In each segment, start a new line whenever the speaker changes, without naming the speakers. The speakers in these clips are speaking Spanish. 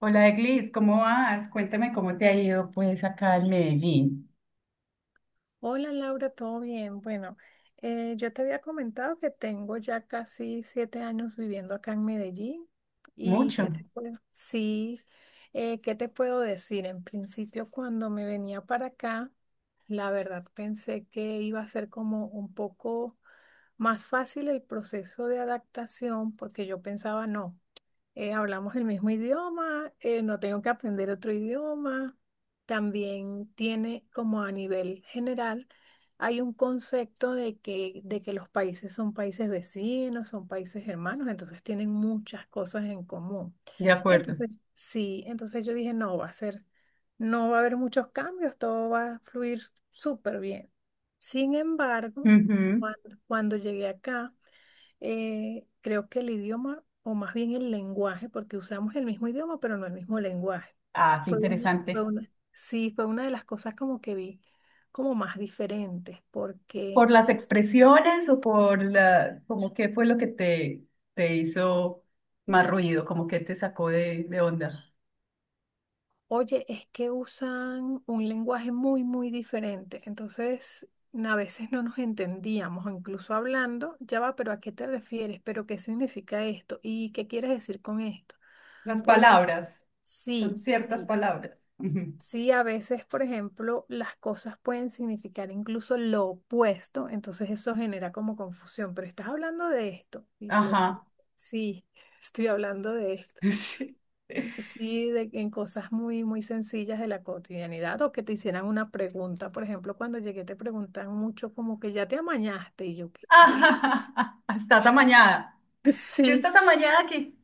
Hola Eglis, ¿cómo vas? Cuéntame cómo te ha ido pues acá en Medellín.
Hola Laura, ¿todo bien? Bueno, yo te había comentado que tengo ya casi 7 años viviendo acá en Medellín y
Mucho.
que te puedo, sí, ¿qué te puedo decir? En principio, cuando me venía para acá, la verdad pensé que iba a ser como un poco más fácil el proceso de adaptación porque yo pensaba, no, hablamos el mismo idioma, no tengo que aprender otro idioma también tiene como a nivel general, hay un concepto de que los países son países vecinos, son países hermanos, entonces tienen muchas cosas en común.
De acuerdo.
Entonces, sí, entonces yo dije, no, va a ser, no va a haber muchos cambios, todo va a fluir súper bien. Sin embargo,
Ujú.
cuando llegué acá, creo que el idioma, o más bien el lenguaje, porque usamos el mismo idioma, pero no el mismo lenguaje.
Ah, qué
Fue una, fue
interesante.
una- Sí, fue una de las cosas como que vi como más diferentes, porque,
¿Por las expresiones o por la, como qué fue lo que te hizo más ruido, como que te sacó de onda?
oye, es que usan un lenguaje muy, muy diferente. Entonces, a veces no nos entendíamos, o incluso hablando, ya va, pero ¿a qué te refieres? ¿Pero qué significa esto? ¿Y qué quieres decir con esto?
Las
Porque
palabras. Son
sí,
ciertas
sí.
palabras. Ujú.
Sí, a veces, por ejemplo, las cosas pueden significar incluso lo opuesto, entonces eso genera como confusión, pero estás hablando de esto. Y yo, como,
Ajá.
sí, estoy hablando de esto.
Sí.
Sí, de, en cosas muy, muy sencillas de la cotidianidad o que te hicieran una pregunta. Por ejemplo, cuando llegué te preguntan mucho como que ya te amañaste y yo, qué carriles.
Ajá, estás amañada. Si
Sí,
estás amañada aquí.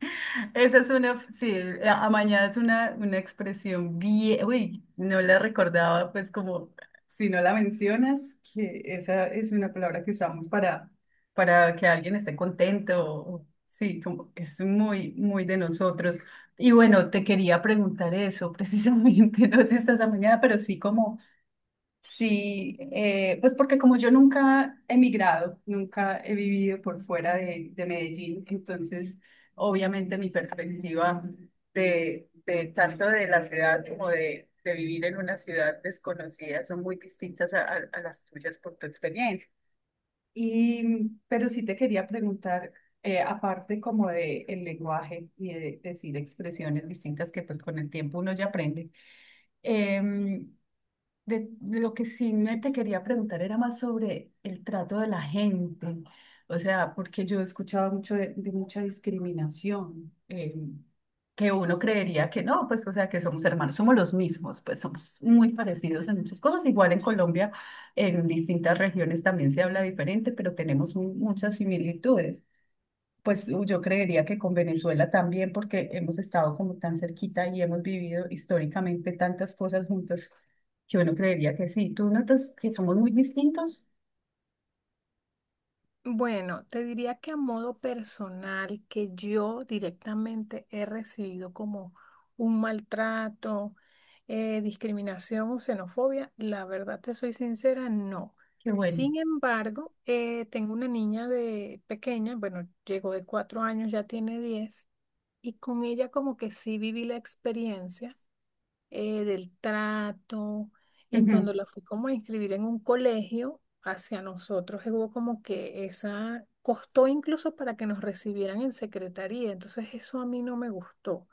Esa es una, sí, amañada es una expresión bien, uy, no la recordaba, pues como si no la mencionas, que esa es una palabra que usamos para que alguien esté contento, o sí, como que es muy, muy de nosotros. Y bueno, te quería preguntar eso precisamente, no si estás amañada, pero sí como... Sí, pues porque como yo nunca he migrado, nunca he vivido por fuera de Medellín, entonces obviamente mi perspectiva de tanto de la ciudad como de vivir en una ciudad desconocida son muy distintas a las tuyas por tu experiencia. Y, mm, pero sí te quería preguntar, aparte como de el lenguaje y de decir expresiones distintas que pues con el tiempo uno ya aprende. em, de, lo que sí me te quería preguntar era más sobre el trato de la gente, o sea, porque yo he escuchado mucho de mucha discriminación, que uno creería que no, pues, o sea, que somos hermanos, somos los mismos, pues somos muy parecidos en muchas cosas, igual en Colombia, en distintas regiones también se habla diferente, pero tenemos mu- muchas similitudes. Pues u- yo creería que con Venezuela también, porque hemos estado como tan cerquita y hemos vivido históricamente tantas cosas juntos, que uno creería que sí. Tú notas que somos muy distintos,
bueno, te diría que a modo personal, que yo directamente he recibido como un maltrato, discriminación o xenofobia, la verdad te soy sincera, no.
qué bueno.
Sin embargo, tengo una niña de pequeña, bueno, llegó de 4 años, ya tiene 10, y con ella como que sí viví la experiencia del trato. Cuando
Ujú.
la fui como a inscribir en un colegio, hacia nosotros hubo como que esa, costó incluso para que nos recibieran en secretaría, entonces eso a mí no me gustó.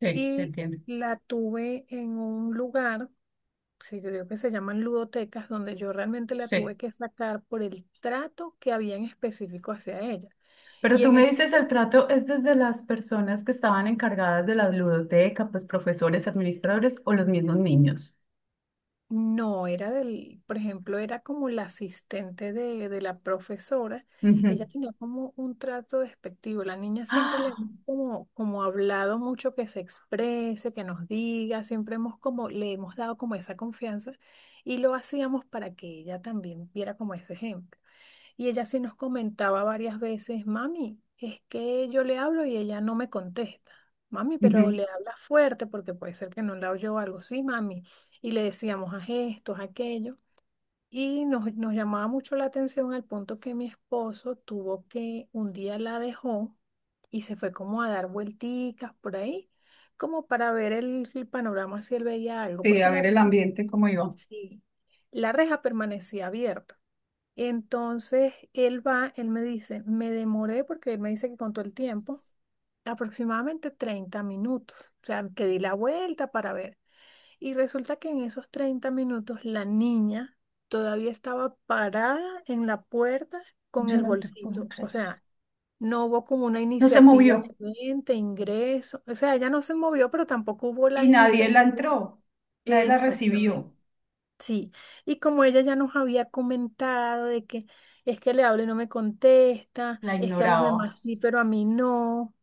Sí, te
Y
entiendo.
la tuve en un lugar, sí, creo que se llaman ludotecas, donde yo realmente la
Sí.
tuve que sacar por el trato que había en específico hacia ella.
Pero
Y
tú
en
me
ese
dices, el trato es desde las personas que estaban encargadas de la ludoteca, pues profesores, administradores o los mismos niños.
no, era del, por ejemplo, era como la asistente de la profesora. Ella
Ujú.
tenía como un trato despectivo. La niña siempre le
¡Ah!
hemos como, como hablado mucho que se exprese, que nos diga. Siempre hemos como, le hemos dado como esa confianza y lo hacíamos para que ella también viera como ese ejemplo. Y ella sí nos comentaba varias veces, mami, es que yo le hablo y ella no me contesta. Mami, pero
Ujú.
le hablas fuerte porque puede ser que no la oyó o algo. Sí, mami. Y le decíamos a gestos, a aquello. Y nos llamaba mucho la atención al punto que mi esposo tuvo que, un día la dejó y se fue como a dar vuelticas por ahí, como para ver el panorama si él veía algo,
Sí, a
porque
ver el ambiente cómo iba.
sí, la reja permanecía abierta. Entonces él va, él me dice, me demoré porque él me dice que contó el tiempo, aproximadamente 30 minutos. O sea, que di la vuelta para ver. Y resulta que en esos 30 minutos la niña todavía estaba parada en la puerta con
Yo
el
no te puedo
bolsito. O
creer.
sea, no hubo como una
No se
iniciativa
movió.
de vente, ingreso. O sea, ella no se movió, pero tampoco hubo la
Y nadie la
iniciativa.
entró, nadie la
Exactamente.
recibió,
Sí, y como ella ya nos había comentado de que es que le hablo y no me contesta,
la
es que a los
ignoraba.
demás sí, pero a mí no.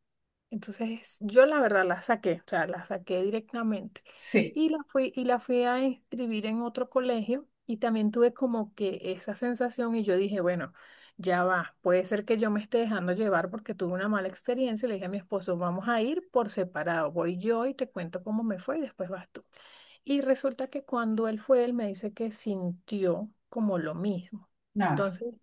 Entonces yo la verdad la saqué, o sea, la saqué directamente.
Sí,
Y la fui a inscribir en otro colegio y también tuve como que esa sensación y yo dije, bueno, ya va, puede ser que yo me esté dejando llevar porque tuve una mala experiencia y le dije a mi esposo, vamos a ir por separado, voy yo y te cuento cómo me fue y después vas tú. Y resulta que cuando él fue, él me dice que sintió como lo mismo.
nada.
Entonces,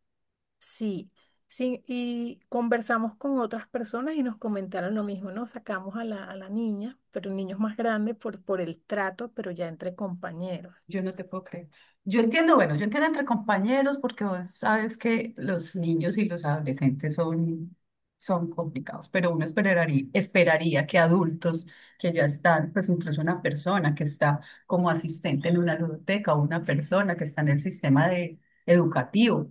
sí, sí, y conversamos con otras personas y nos comentaron lo mismo, ¿no? Sacamos a la niña, pero el niño es más grande por el trato, pero ya entre compañeros.
Yo no te puedo creer. Yo entiendo, bueno, yo entiendo entre compañeros porque vos sabes que los niños y los adolescentes son, son complicados, pero uno esperaría, esperaría que adultos que ya están, pues incluso una persona que está como asistente en una ludoteca o una persona que está en el sistema de, educativo,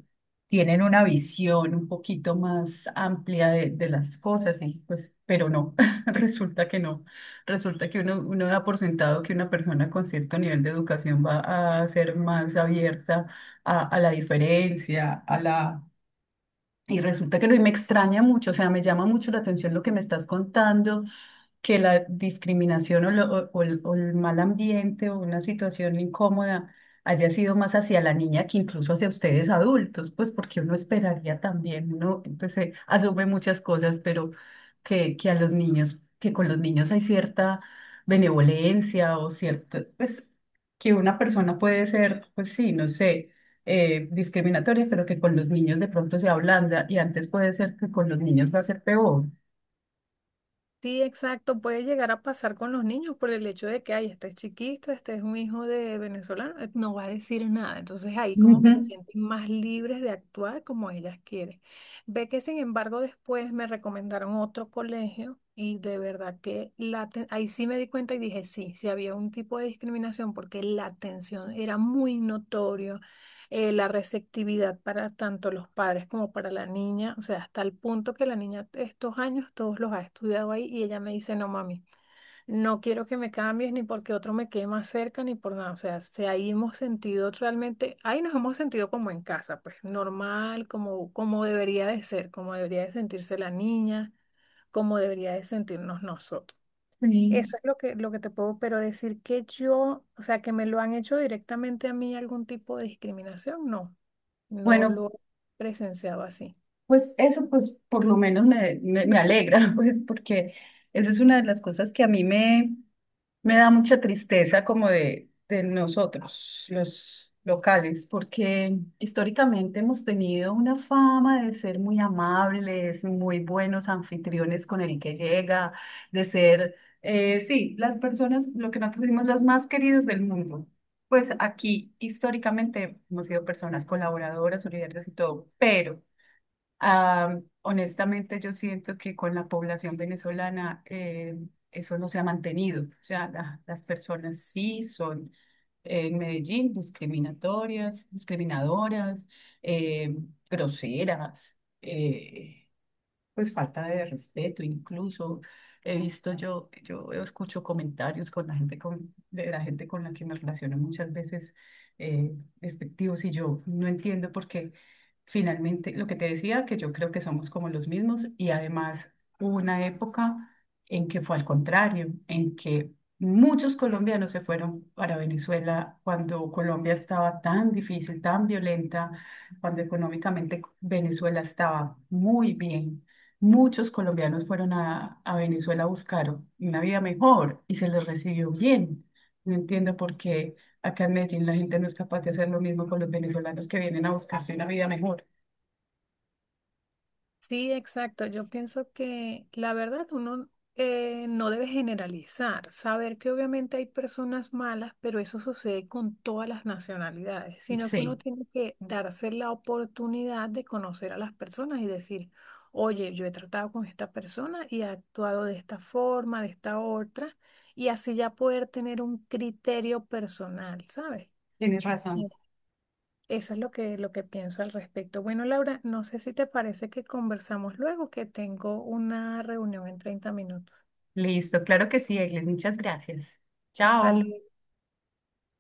tienen una visión un poquito más amplia de las cosas, y pues, pero no, resulta que no. Resulta que uno, uno da por sentado que una persona con cierto nivel de educación va a ser más abierta a la diferencia, a la... Y resulta que no, y me extraña mucho, o sea, me llama mucho la atención lo que me estás contando que la discriminación o, lo- o el mal ambiente o una situación incómoda haya sido más hacia la niña que incluso hacia ustedes adultos, pues porque uno esperaría también, uno pues, asume muchas cosas, pero que a los niños, que con los niños hay cierta benevolencia o cierta, pues que una persona puede ser, pues sí, no sé. Discriminatoria, pero que con los niños de pronto se ablanda y antes puede ser que con los niños va a ser peor.
Sí, exacto. Puede llegar a pasar con los niños por el hecho de que, ay, este es chiquito, este es un hijo de venezolano, no va a decir nada. Entonces ahí como
Ujú.
que se sienten más libres de actuar como ellas quieren. Ve que sin embargo después me recomendaron otro colegio y de verdad que ahí sí me di cuenta y dije, sí, sí había un tipo de discriminación porque la atención era muy notorio, la receptividad para tanto los padres como para la niña, o sea, hasta el punto que la niña estos años todos los ha estudiado ahí y ella me dice, no mami, no quiero que me cambies ni porque otro me quede más cerca ni por nada, o sea, se ahí hemos sentido realmente, ahí nos hemos sentido como en casa, pues normal, como, como debería de ser, como debería de sentirse la niña, como debería de sentirnos nosotros.
Sí.
Eso es lo que te puedo, pero decir que yo, o sea, que me lo han hecho directamente a mí algún tipo de discriminación, no, no
Bueno,
lo he presenciado así.
pues eso pues por lo menos me, me, me alegra, pues porque esa es una de las cosas que a mí me, me da mucha tristeza como de nosotros, los locales, porque históricamente hemos tenido una fama de ser muy amables, muy buenos anfitriones con el que llega, de ser, sí, las personas, lo que nosotros decimos, los más queridos del mundo. Pues aquí históricamente hemos sido personas colaboradoras, solidarias y todo, pero... Ah, honestamente, yo siento que con la población venezolana eso no se ha mantenido. O sea, la- las personas sí son en Medellín discriminatorias, discriminadoras, eh, groseras. Pues falta de respeto, incluso he visto yo, yo escucho comentarios con la gente con, de la gente con la que me relaciono muchas veces eh, despectivos y yo no entiendo por qué finalmente lo que te decía, que yo creo que somos como los mismos y además hubo una época en que fue al contrario, en que muchos colombianos se fueron para Venezuela cuando Colombia estaba tan difícil, tan violenta cuando económicamente Venezuela estaba muy bien. Muchos colombianos fueron a Venezuela a buscar una vida mejor y se les recibió bien. No entiendo por qué acá en Medellín la gente no es capaz de hacer lo mismo con los venezolanos que vienen a buscarse una vida mejor.
Sí, exacto. Yo pienso que la verdad uno no debe generalizar, saber que obviamente hay personas malas, pero eso sucede con todas las nacionalidades, sino que uno
Sí,
tiene que darse la oportunidad de conocer a las personas y decir, oye, yo he tratado con esta persona y he actuado de esta forma, de esta otra, y así ya poder tener un criterio personal, ¿sabes?
tienes razón.
Eso es lo que pienso al respecto. Bueno, Laura, no sé si te parece que conversamos luego, que tengo una reunión en 30 minutos.
Listo, claro que sí, Eglis. Muchas gracias.
Tal
Chao.